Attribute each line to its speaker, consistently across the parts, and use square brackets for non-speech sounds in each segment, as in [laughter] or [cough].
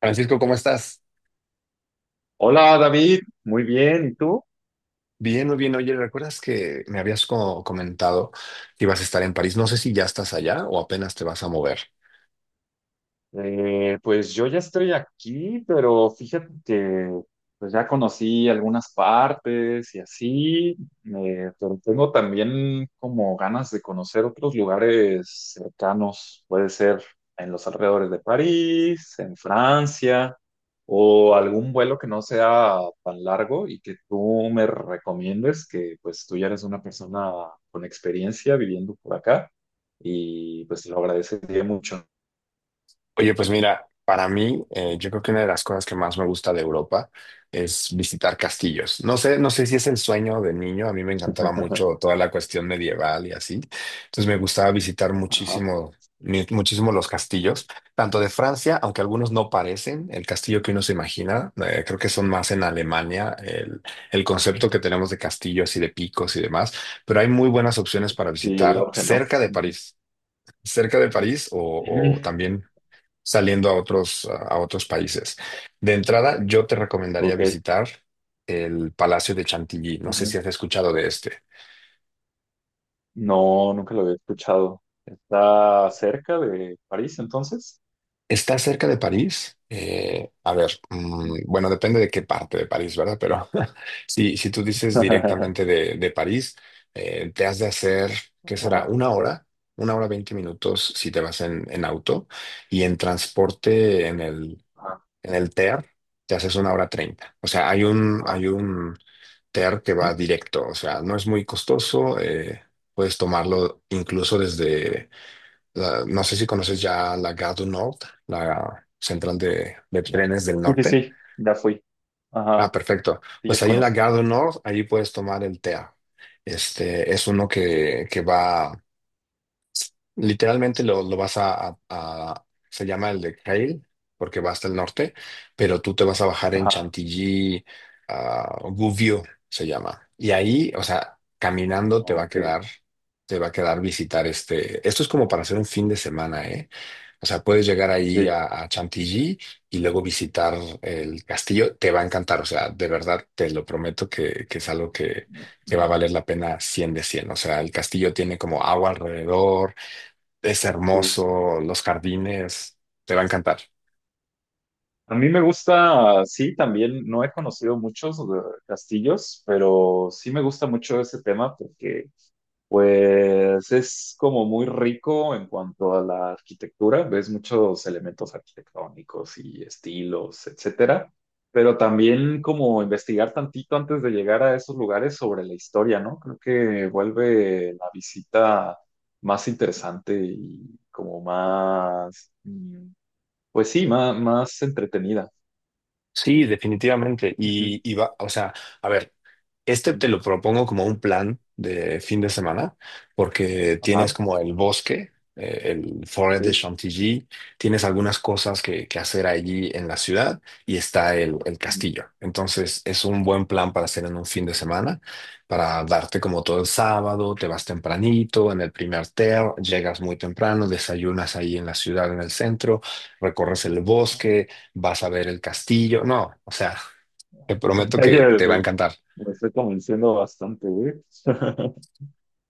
Speaker 1: Francisco, ¿cómo estás?
Speaker 2: Hola David, muy bien, ¿y tú?
Speaker 1: Bien, muy bien. Oye, ¿recuerdas que me habías comentado que ibas a estar en París? No sé si ya estás allá o apenas te vas a mover.
Speaker 2: Pues yo ya estoy aquí, pero fíjate que pues ya conocí algunas partes y así, pero tengo también como ganas de conocer otros lugares cercanos, puede ser en los alrededores de París, en Francia, o algún vuelo que no sea tan largo y que tú me recomiendes, que pues tú ya eres una persona con experiencia viviendo por acá y pues te lo agradecería mucho.
Speaker 1: Oye, pues mira, para mí, yo creo que una de las cosas que más me gusta de Europa es visitar castillos. No sé si es el sueño de niño, a mí me encantaba
Speaker 2: [laughs]
Speaker 1: mucho toda la cuestión medieval y así. Entonces me gustaba visitar
Speaker 2: Ajá.
Speaker 1: muchísimo, muchísimo los castillos, tanto de Francia, aunque algunos no parecen el castillo que uno se imagina. Creo que son más en Alemania, el concepto que tenemos de castillos y de picos y demás, pero hay muy buenas opciones para
Speaker 2: Y el
Speaker 1: visitar
Speaker 2: auge, ¿no?
Speaker 1: cerca de
Speaker 2: Ujú.
Speaker 1: París cerca de París
Speaker 2: Ujú.
Speaker 1: o también saliendo a otros países. De entrada, yo te recomendaría
Speaker 2: Ok.
Speaker 1: visitar el Palacio de Chantilly. No sé si
Speaker 2: Ujú.
Speaker 1: has escuchado de este.
Speaker 2: No, nunca lo había escuchado. ¿Está cerca de París, entonces?
Speaker 1: Está cerca de París. A ver,
Speaker 2: Ujú.
Speaker 1: bueno, depende de qué parte de París, ¿verdad? Pero [laughs] si tú dices
Speaker 2: [laughs]
Speaker 1: directamente de París, te has de hacer, ¿qué será?
Speaker 2: Ajá,
Speaker 1: Una hora 20 minutos si te vas en auto y en transporte en el
Speaker 2: ajá,
Speaker 1: En el TER te haces una hora 30. O sea, hay un,
Speaker 2: ajá.
Speaker 1: hay un TER que va directo. O sea, no es muy costoso. Puedes tomarlo incluso desde, no sé si conoces ya la Gare du Nord, la central de trenes del
Speaker 2: Sí, sí,
Speaker 1: norte.
Speaker 2: sí, ya fui.
Speaker 1: Ah,
Speaker 2: Ajá,
Speaker 1: perfecto.
Speaker 2: sí,
Speaker 1: Pues
Speaker 2: ya
Speaker 1: ahí en la
Speaker 2: conozco.
Speaker 1: Gare du Nord, allí puedes tomar el TER. Este es uno que va. Literalmente lo vas se llama el de Cail, porque va hasta el norte, pero tú te vas a bajar en
Speaker 2: Ajá,
Speaker 1: Chantilly, a Gouvieux se llama. Y ahí, o sea, caminando te va a
Speaker 2: ok,
Speaker 1: quedar, te va a quedar visitar este. Esto es como para hacer un fin de semana, ¿eh? O sea, puedes llegar ahí
Speaker 2: sí,
Speaker 1: a Chantilly y luego visitar el castillo. Te va a encantar. O sea, de verdad te lo prometo que es algo que va a
Speaker 2: ujú,
Speaker 1: valer la pena 100 de cien. O sea, el castillo tiene como agua alrededor. Es
Speaker 2: sí.
Speaker 1: hermoso, los jardines, te va a encantar.
Speaker 2: A mí me gusta, sí, también, no he conocido muchos castillos, pero sí me gusta mucho ese tema porque pues es como muy rico en cuanto a la arquitectura, ves muchos elementos arquitectónicos y estilos, etcétera, pero también como investigar tantito antes de llegar a esos lugares sobre la historia, ¿no? Creo que vuelve la visita más interesante y como pues sí, más, más entretenida.
Speaker 1: Sí, definitivamente.
Speaker 2: Ujú,
Speaker 1: Y va, o sea, a ver, este
Speaker 2: ujú.
Speaker 1: te lo propongo como un plan de fin de semana, porque tienes
Speaker 2: Ajá,
Speaker 1: como el bosque, el Forest de
Speaker 2: sí.
Speaker 1: Chantilly, tienes algunas cosas que hacer allí en la ciudad y está el
Speaker 2: Ujú.
Speaker 1: castillo. Entonces, es un buen plan para hacer en un fin de semana, para darte como todo el sábado, te vas tempranito en el primer TER, llegas muy temprano, desayunas ahí en la ciudad, en el centro, recorres el bosque, vas a ver el castillo. No, o sea, [laughs] te
Speaker 2: O
Speaker 1: prometo
Speaker 2: sea que
Speaker 1: que te va a encantar.
Speaker 2: lo estoy convenciendo bastante, güey. [laughs]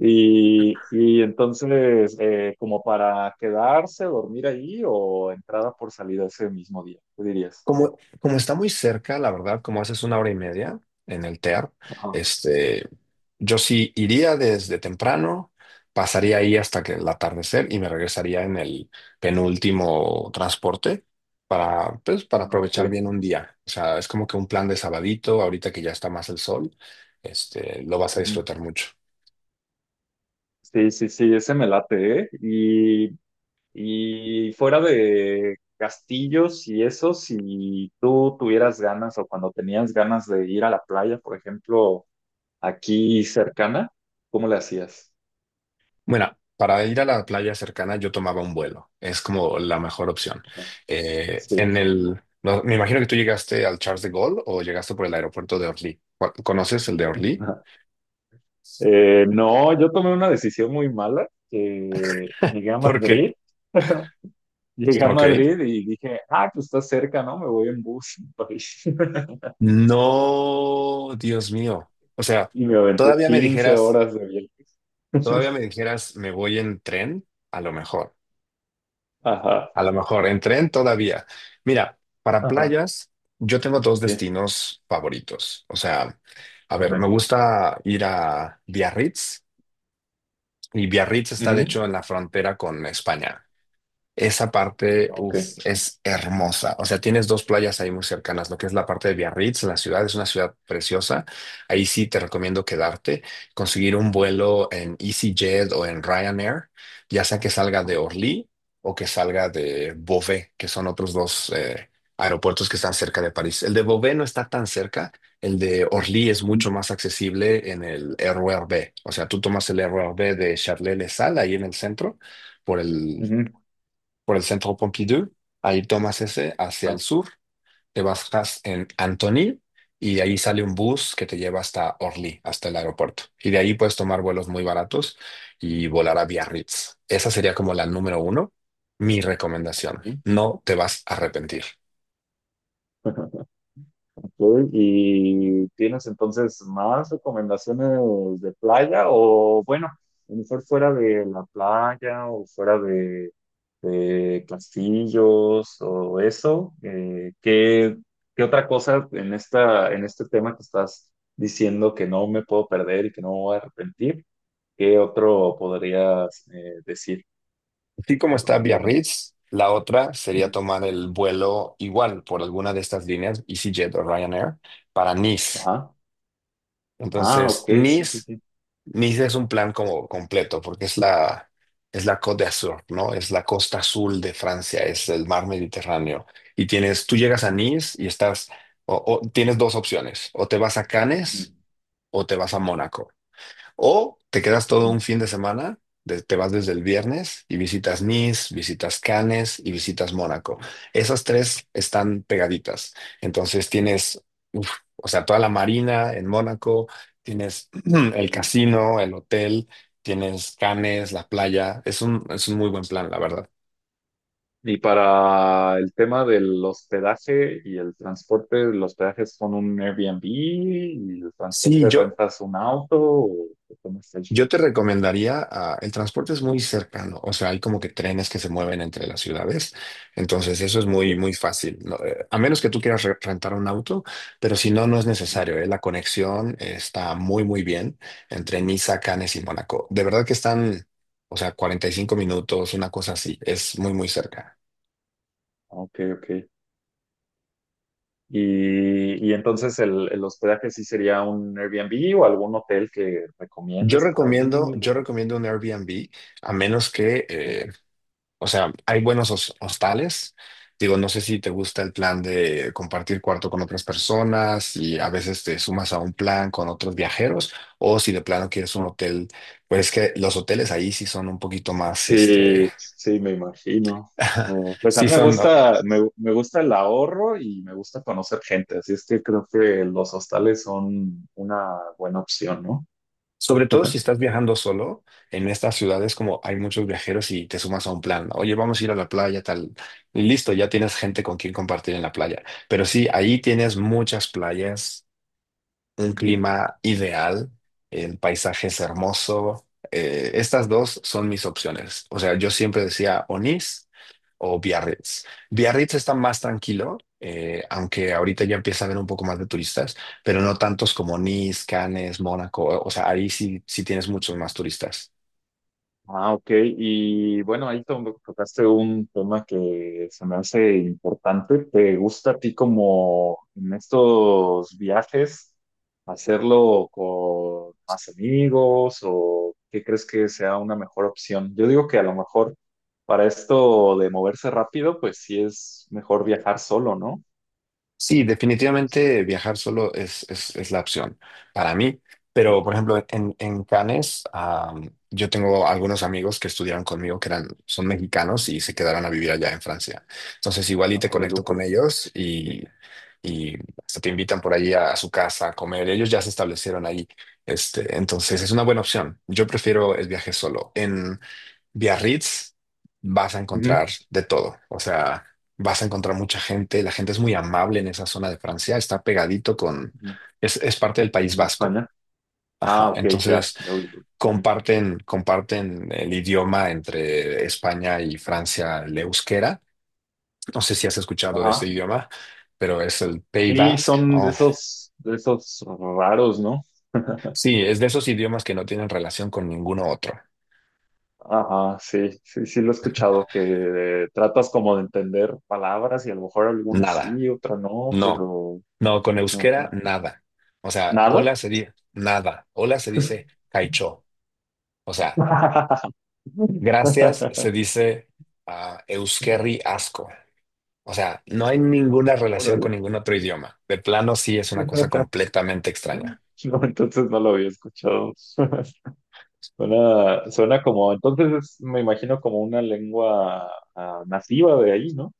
Speaker 2: Y entonces, como para quedarse, dormir ahí o entrada por salida ese mismo día, ¿qué dirías?
Speaker 1: Como está muy cerca, la verdad, como haces una hora y media en el TEAR,
Speaker 2: Ajá,
Speaker 1: este, yo sí iría desde temprano, pasaría ahí hasta que el atardecer y me regresaría en el penúltimo transporte pues, para
Speaker 2: ah, ok.
Speaker 1: aprovechar bien un día. O sea, es como que un plan de sabadito, ahorita que ya está más el sol, este, lo vas a
Speaker 2: Ujú.
Speaker 1: disfrutar mucho.
Speaker 2: Sí, sí, sí, ese me late, ¿eh? Y fuera de castillos y eso, si tú tuvieras ganas o cuando tenías ganas de ir a la playa, por ejemplo, aquí cercana, ¿cómo le hacías?
Speaker 1: Bueno, para ir a la playa cercana yo tomaba un vuelo. Es como la mejor opción.
Speaker 2: Ajá, sí.
Speaker 1: No, me imagino que tú llegaste al Charles de Gaulle o llegaste por el aeropuerto de Orly. ¿Conoces el de Orly?
Speaker 2: [laughs] No, yo tomé una decisión muy mala. Llegué a
Speaker 1: [laughs] Porque,
Speaker 2: Madrid, [laughs] llegué a
Speaker 1: OK.
Speaker 2: Madrid y dije, ah, pues está cerca, ¿no? Me voy en bus a París. [laughs]
Speaker 1: No, Dios mío. O sea,
Speaker 2: Y me aventé
Speaker 1: todavía me
Speaker 2: quince
Speaker 1: dijeras,
Speaker 2: horas de viaje.
Speaker 1: todavía
Speaker 2: [laughs]
Speaker 1: me dijeras, me voy en tren, a lo mejor.
Speaker 2: Ajá,
Speaker 1: A lo mejor en tren todavía. Mira, para
Speaker 2: ajá,
Speaker 1: playas, yo tengo dos
Speaker 2: sí,
Speaker 1: destinos favoritos. O sea, a ver, me
Speaker 2: dime.
Speaker 1: gusta ir a Biarritz, y Biarritz está de hecho
Speaker 2: Ujú,
Speaker 1: en la frontera con España. Esa parte,
Speaker 2: ah, ok.
Speaker 1: uf, es hermosa. O sea, tienes dos playas ahí muy cercanas, lo que es la parte de Biarritz, la ciudad es una ciudad preciosa. Ahí sí te recomiendo quedarte, conseguir un vuelo en EasyJet o en Ryanair, ya sea que salga de
Speaker 2: Ah,
Speaker 1: Orly o que salga de Beauvais, que son otros dos aeropuertos que están cerca de París. El de Beauvais no está tan cerca, el de Orly es
Speaker 2: ujú,
Speaker 1: mucho más accesible en el RER B. O sea, tú tomas el RER B de Charles-de-Sales ahí en el centro, por el
Speaker 2: ujú,
Speaker 1: por el centro Pompidou, ahí tomas ese hacia el
Speaker 2: ah,
Speaker 1: sur, te bajas en Antony y ahí sale un bus que te lleva hasta Orly, hasta el aeropuerto. Y de ahí puedes tomar vuelos muy baratos y volar a Biarritz. Esa sería como la número uno, mi recomendación.
Speaker 2: ujú.
Speaker 1: No te vas a arrepentir.
Speaker 2: [laughs] Ok, ¿y tienes entonces más recomendaciones de playa o bueno, a lo mejor fuera de la playa o de castillos o eso? ¿Qué, qué otra cosa en esta, en este tema que estás diciendo que no me puedo perder y que no me voy a arrepentir? ¿Qué otro podrías decir,
Speaker 1: Así como está
Speaker 2: recomendarme?
Speaker 1: Biarritz, la otra sería
Speaker 2: Ujú.
Speaker 1: tomar el vuelo igual por alguna de estas líneas, EasyJet o Ryanair, para Nice.
Speaker 2: Ajá. Ah,
Speaker 1: Entonces,
Speaker 2: ok, sí, sí,
Speaker 1: Nice,
Speaker 2: sí.
Speaker 1: Niza, es un plan como completo, porque es la Côte d'Azur, ¿no? Es la costa azul de Francia, es el mar Mediterráneo. Y tienes, tú llegas a
Speaker 2: Ujú,
Speaker 1: Nice y estás, o, tienes dos opciones: o te vas a Cannes o te vas a Mónaco. O te quedas todo un
Speaker 2: ujú,
Speaker 1: fin de semana, te vas desde el viernes y visitas Nice, visitas Cannes y visitas Mónaco. Esas tres están pegaditas. Entonces tienes, uf, o sea, toda la marina en Mónaco, tienes [clears throat] el
Speaker 2: ujú.
Speaker 1: casino, el hotel, tienes Cannes, la playa. Es un muy buen plan, la verdad.
Speaker 2: Y para el tema del hospedaje y el transporte, los hospedaje es con un Airbnb y el
Speaker 1: Sí,
Speaker 2: transporte
Speaker 1: yo,
Speaker 2: rentas un auto o ¿cómo está el
Speaker 1: Yo
Speaker 2: show?
Speaker 1: te recomendaría, el transporte es muy cercano, o sea, hay como que trenes que se mueven entre las ciudades, entonces eso es
Speaker 2: Ah,
Speaker 1: muy,
Speaker 2: ok,
Speaker 1: muy fácil, ¿no? A menos que tú quieras rentar un auto, pero si no, no es
Speaker 2: ujú.
Speaker 1: necesario, ¿eh? La conexión está muy, muy bien entre Niza, Cannes y Mónaco. De verdad que están, o sea, 45 minutos, una cosa así, es muy, muy cerca.
Speaker 2: Ok, ok. Y entonces el hospedaje sí sería un Airbnb o algún hotel que
Speaker 1: Yo
Speaker 2: recomiendes por
Speaker 1: recomiendo,
Speaker 2: ahí
Speaker 1: yo recomiendo un Airbnb, a menos que, o sea, hay buenos hostales. Digo, no sé si te gusta el plan de compartir cuarto con otras personas y a veces te sumas a un plan con otros viajeros o si de plano quieres un
Speaker 2: o,
Speaker 1: hotel, pues es que los hoteles ahí sí son un poquito más, este,
Speaker 2: sí, sí, me imagino.
Speaker 1: [laughs]
Speaker 2: Oh, pues a
Speaker 1: sí
Speaker 2: mí me
Speaker 1: son, ¿no?
Speaker 2: gusta, me gusta el ahorro y me gusta conocer gente, así es que creo que los hostales son una buena opción, ¿no?
Speaker 1: Sobre todo si estás viajando solo en estas ciudades, como hay muchos viajeros y te sumas a un plan, ¿no? Oye, vamos a ir a la playa, tal. Y listo, ya tienes gente con quien compartir en la playa. Pero sí, ahí tienes muchas playas, un clima ideal, el paisaje es hermoso. Estas dos son mis opciones. O sea, yo siempre decía o Nice o Biarritz. Biarritz está más tranquilo, aunque ahorita ya empieza a haber un poco más de turistas, pero no tantos como Nice, Cannes, Mónaco. O sea, ahí sí, sí tienes muchos más turistas.
Speaker 2: Ah, ok. Y bueno, ahí to- tocaste un tema que se me hace importante. ¿Te gusta a ti como en estos viajes hacerlo con más amigos o qué crees que sea una mejor opción? Yo digo que a lo mejor para esto de moverse rápido, pues sí es mejor viajar solo, ¿no?
Speaker 1: Sí, definitivamente viajar solo es la opción para mí.
Speaker 2: Ah,
Speaker 1: Pero, por ejemplo, en Cannes, yo tengo algunos amigos que estudiaron conmigo, que eran, son mexicanos, y se quedaron a vivir allá en Francia. Entonces, igual y te
Speaker 2: ah, de
Speaker 1: conecto con
Speaker 2: lujo.
Speaker 1: ellos y hasta te invitan por allí a su casa a comer. Ellos ya se establecieron ahí. Este, entonces es una buena opción. Yo prefiero el viaje solo. En Biarritz vas a
Speaker 2: Ujú,
Speaker 1: encontrar de todo. O sea, vas a encontrar mucha gente. La gente es muy amable en esa zona de Francia. Está pegadito con...
Speaker 2: ujú,
Speaker 1: Es parte del País
Speaker 2: con
Speaker 1: Vasco.
Speaker 2: España. Ah,
Speaker 1: Ajá.
Speaker 2: ok, ya,
Speaker 1: Entonces
Speaker 2: ya ubico. Ujú,
Speaker 1: comparten el idioma entre España y Francia: el euskera. No sé si has escuchado de este
Speaker 2: ajá.
Speaker 1: idioma, pero es el Pays
Speaker 2: Sí,
Speaker 1: Basque.
Speaker 2: son
Speaker 1: Oh,
Speaker 2: de esos raros, ¿no?
Speaker 1: sí, es de esos idiomas que no tienen relación con ninguno otro.
Speaker 2: Ajá, sí, sí, sí lo he escuchado, que tratas como de entender palabras y a lo mejor alguna
Speaker 1: Nada.
Speaker 2: sí, otra no,
Speaker 1: No.
Speaker 2: pero
Speaker 1: No, con
Speaker 2: ajá.
Speaker 1: euskera, nada. O sea,
Speaker 2: Nada.
Speaker 1: hola se dice nada. Hola se dice caicho. O sea, gracias
Speaker 2: [laughs]
Speaker 1: se dice euskerri asko. O sea, no hay ninguna relación
Speaker 2: Órale.
Speaker 1: con ningún otro idioma. De plano, sí es una cosa completamente extraña.
Speaker 2: No, entonces no lo había escuchado. [laughs] Suena, suena como, entonces es, me imagino como una lengua nativa de ahí, ¿no?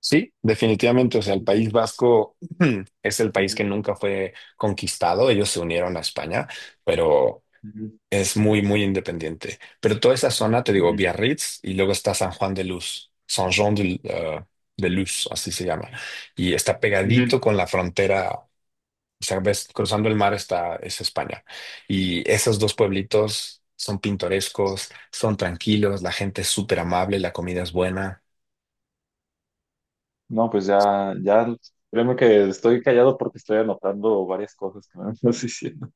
Speaker 1: Sí, definitivamente. O sea, el
Speaker 2: Ujú,
Speaker 1: País Vasco [clears throat] es el país que
Speaker 2: ujú,
Speaker 1: nunca fue conquistado. Ellos se unieron a España, pero
Speaker 2: ujú,
Speaker 1: es muy, muy independiente. Pero toda esa zona, te digo,
Speaker 2: ujú,
Speaker 1: Biarritz, y luego está San Juan de Luz, San Juan de Luz, así se llama. Y está
Speaker 2: ujú.
Speaker 1: pegadito con la frontera, o sea, ves, cruzando el mar está, es España. Y esos dos pueblitos son pintorescos, son tranquilos, la gente es súper amable, la comida es buena.
Speaker 2: No, pues ya, ya, créeme que estoy callado porque estoy anotando varias cosas que me estás diciendo.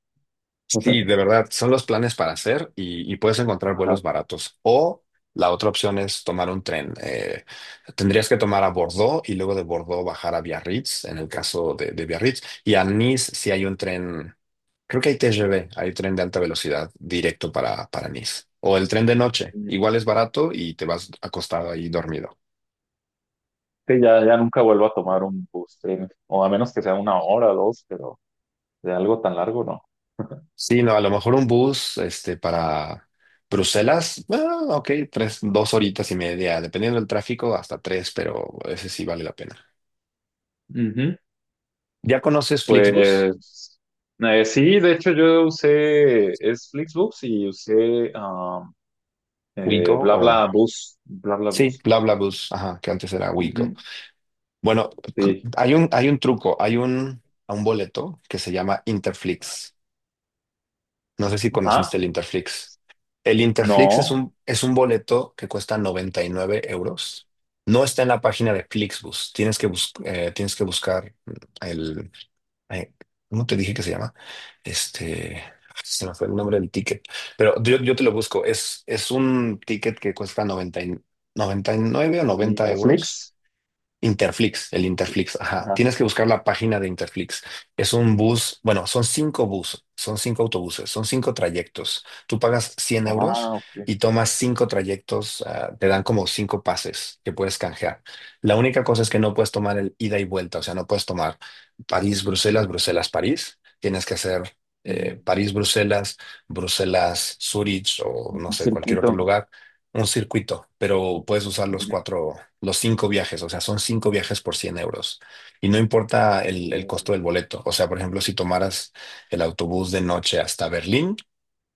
Speaker 1: Sí, de
Speaker 2: [laughs]
Speaker 1: verdad, son los planes para hacer y puedes encontrar
Speaker 2: Ajá.
Speaker 1: vuelos baratos. O la otra opción es tomar un tren. Tendrías que tomar a Bordeaux y luego de Bordeaux bajar a Biarritz, en el caso de Biarritz. Y a Nice sí hay un tren, creo que hay TGV, hay tren de alta velocidad directo para Nice. O el tren de noche,
Speaker 2: Sí,
Speaker 1: igual es barato y te vas acostado ahí dormido.
Speaker 2: ya, ya nunca vuelvo a tomar un bus, créeme. O a menos que sea una hora dos, pero de algo tan largo no.
Speaker 1: Sí, no, a lo mejor un bus, este, para Bruselas, ah, OK, tres, dos horitas y media, dependiendo del tráfico, hasta tres, pero ese sí vale la pena.
Speaker 2: Ujú.
Speaker 1: ¿Ya conoces Flixbus?
Speaker 2: Pues sí, de hecho yo usé es Flixbus y usé
Speaker 1: Wigo o...
Speaker 2: BlaBlaBus,
Speaker 1: Sí,
Speaker 2: BlaBlaBus.
Speaker 1: BlaBlaBus, ajá, que antes era Wigo.
Speaker 2: Ujú,
Speaker 1: Bueno,
Speaker 2: sí.
Speaker 1: hay un truco, hay un boleto que se llama Interflix. No sé si
Speaker 2: Ah,
Speaker 1: conociste el Interflix. El Interflix es
Speaker 2: no,
Speaker 1: un, es un boleto que cuesta 99 euros. No está en la página de Flixbus. Tienes que buscar el... eh, ¿cómo te dije que se llama? Este... Se me fue el nombre del ticket. Pero yo te lo busco. Es un ticket que cuesta noventa y nueve o noventa
Speaker 2: Interflix.
Speaker 1: euros Interflix, el Interflix, ajá.
Speaker 2: Ajá.
Speaker 1: Tienes que buscar la página de Interflix. Es un bus, bueno, son cinco buses, son cinco autobuses, son cinco trayectos. Tú pagas 100 euros
Speaker 2: Ah, ok.
Speaker 1: y tomas cinco trayectos, te dan como cinco pases que puedes canjear. La única cosa es que no puedes tomar el ida y vuelta, o sea, no puedes tomar París, Bruselas, Bruselas, París. Tienes que hacer
Speaker 2: Mm.
Speaker 1: París, Bruselas, Bruselas, Zurich, o no
Speaker 2: Un
Speaker 1: sé, cualquier
Speaker 2: circuito.
Speaker 1: otro lugar, un circuito, pero puedes usar los cuatro, los cinco viajes, o sea, son cinco viajes por 100 euros. Y no importa el
Speaker 2: Ujú.
Speaker 1: costo del boleto. O sea, por ejemplo, si tomaras el autobús de noche hasta Berlín,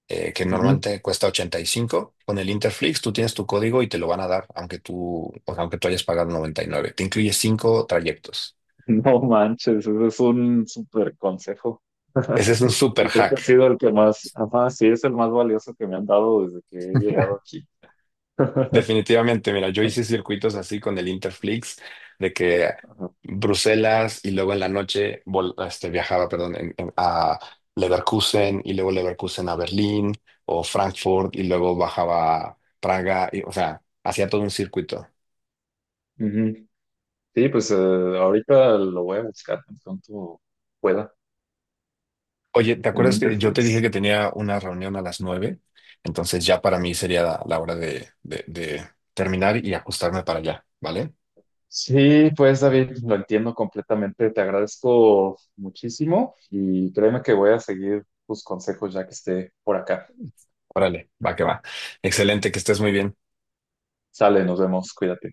Speaker 1: que
Speaker 2: [laughs]
Speaker 1: normalmente cuesta 85, con el Interflix tú tienes tu código y te lo van a dar, aunque tú, o sea, aunque tú hayas pagado 99, te incluye cinco trayectos.
Speaker 2: No manches, eso es un súper consejo.
Speaker 1: Ese es un
Speaker 2: [laughs]
Speaker 1: super
Speaker 2: Y creo que ha
Speaker 1: hack.
Speaker 2: sido el que más, ajá, sí, es el más valioso que me han dado desde que he llegado
Speaker 1: [laughs]
Speaker 2: aquí. [laughs]
Speaker 1: Definitivamente, mira, yo hice circuitos así con el Interflix, de que
Speaker 2: Ajá.
Speaker 1: Bruselas y luego en la noche este, viajaba, perdón, a Leverkusen y luego Leverkusen a Berlín o Frankfurt y luego bajaba a Praga, y, o sea, hacía todo un circuito.
Speaker 2: Ujú. Sí, pues ahorita lo voy a buscar tan pronto pueda,
Speaker 1: Oye, ¿te
Speaker 2: el
Speaker 1: acuerdas que yo te dije
Speaker 2: Interflix.
Speaker 1: que tenía una reunión a las 9? Entonces ya para mí sería la hora de terminar y ajustarme para allá, ¿vale?
Speaker 2: Sí, pues David, lo entiendo completamente. Te agradezco muchísimo y créeme que voy a seguir tus consejos ya que esté por acá.
Speaker 1: Órale, va que va. Excelente, que estés muy bien.
Speaker 2: Sale, nos vemos, cuídate.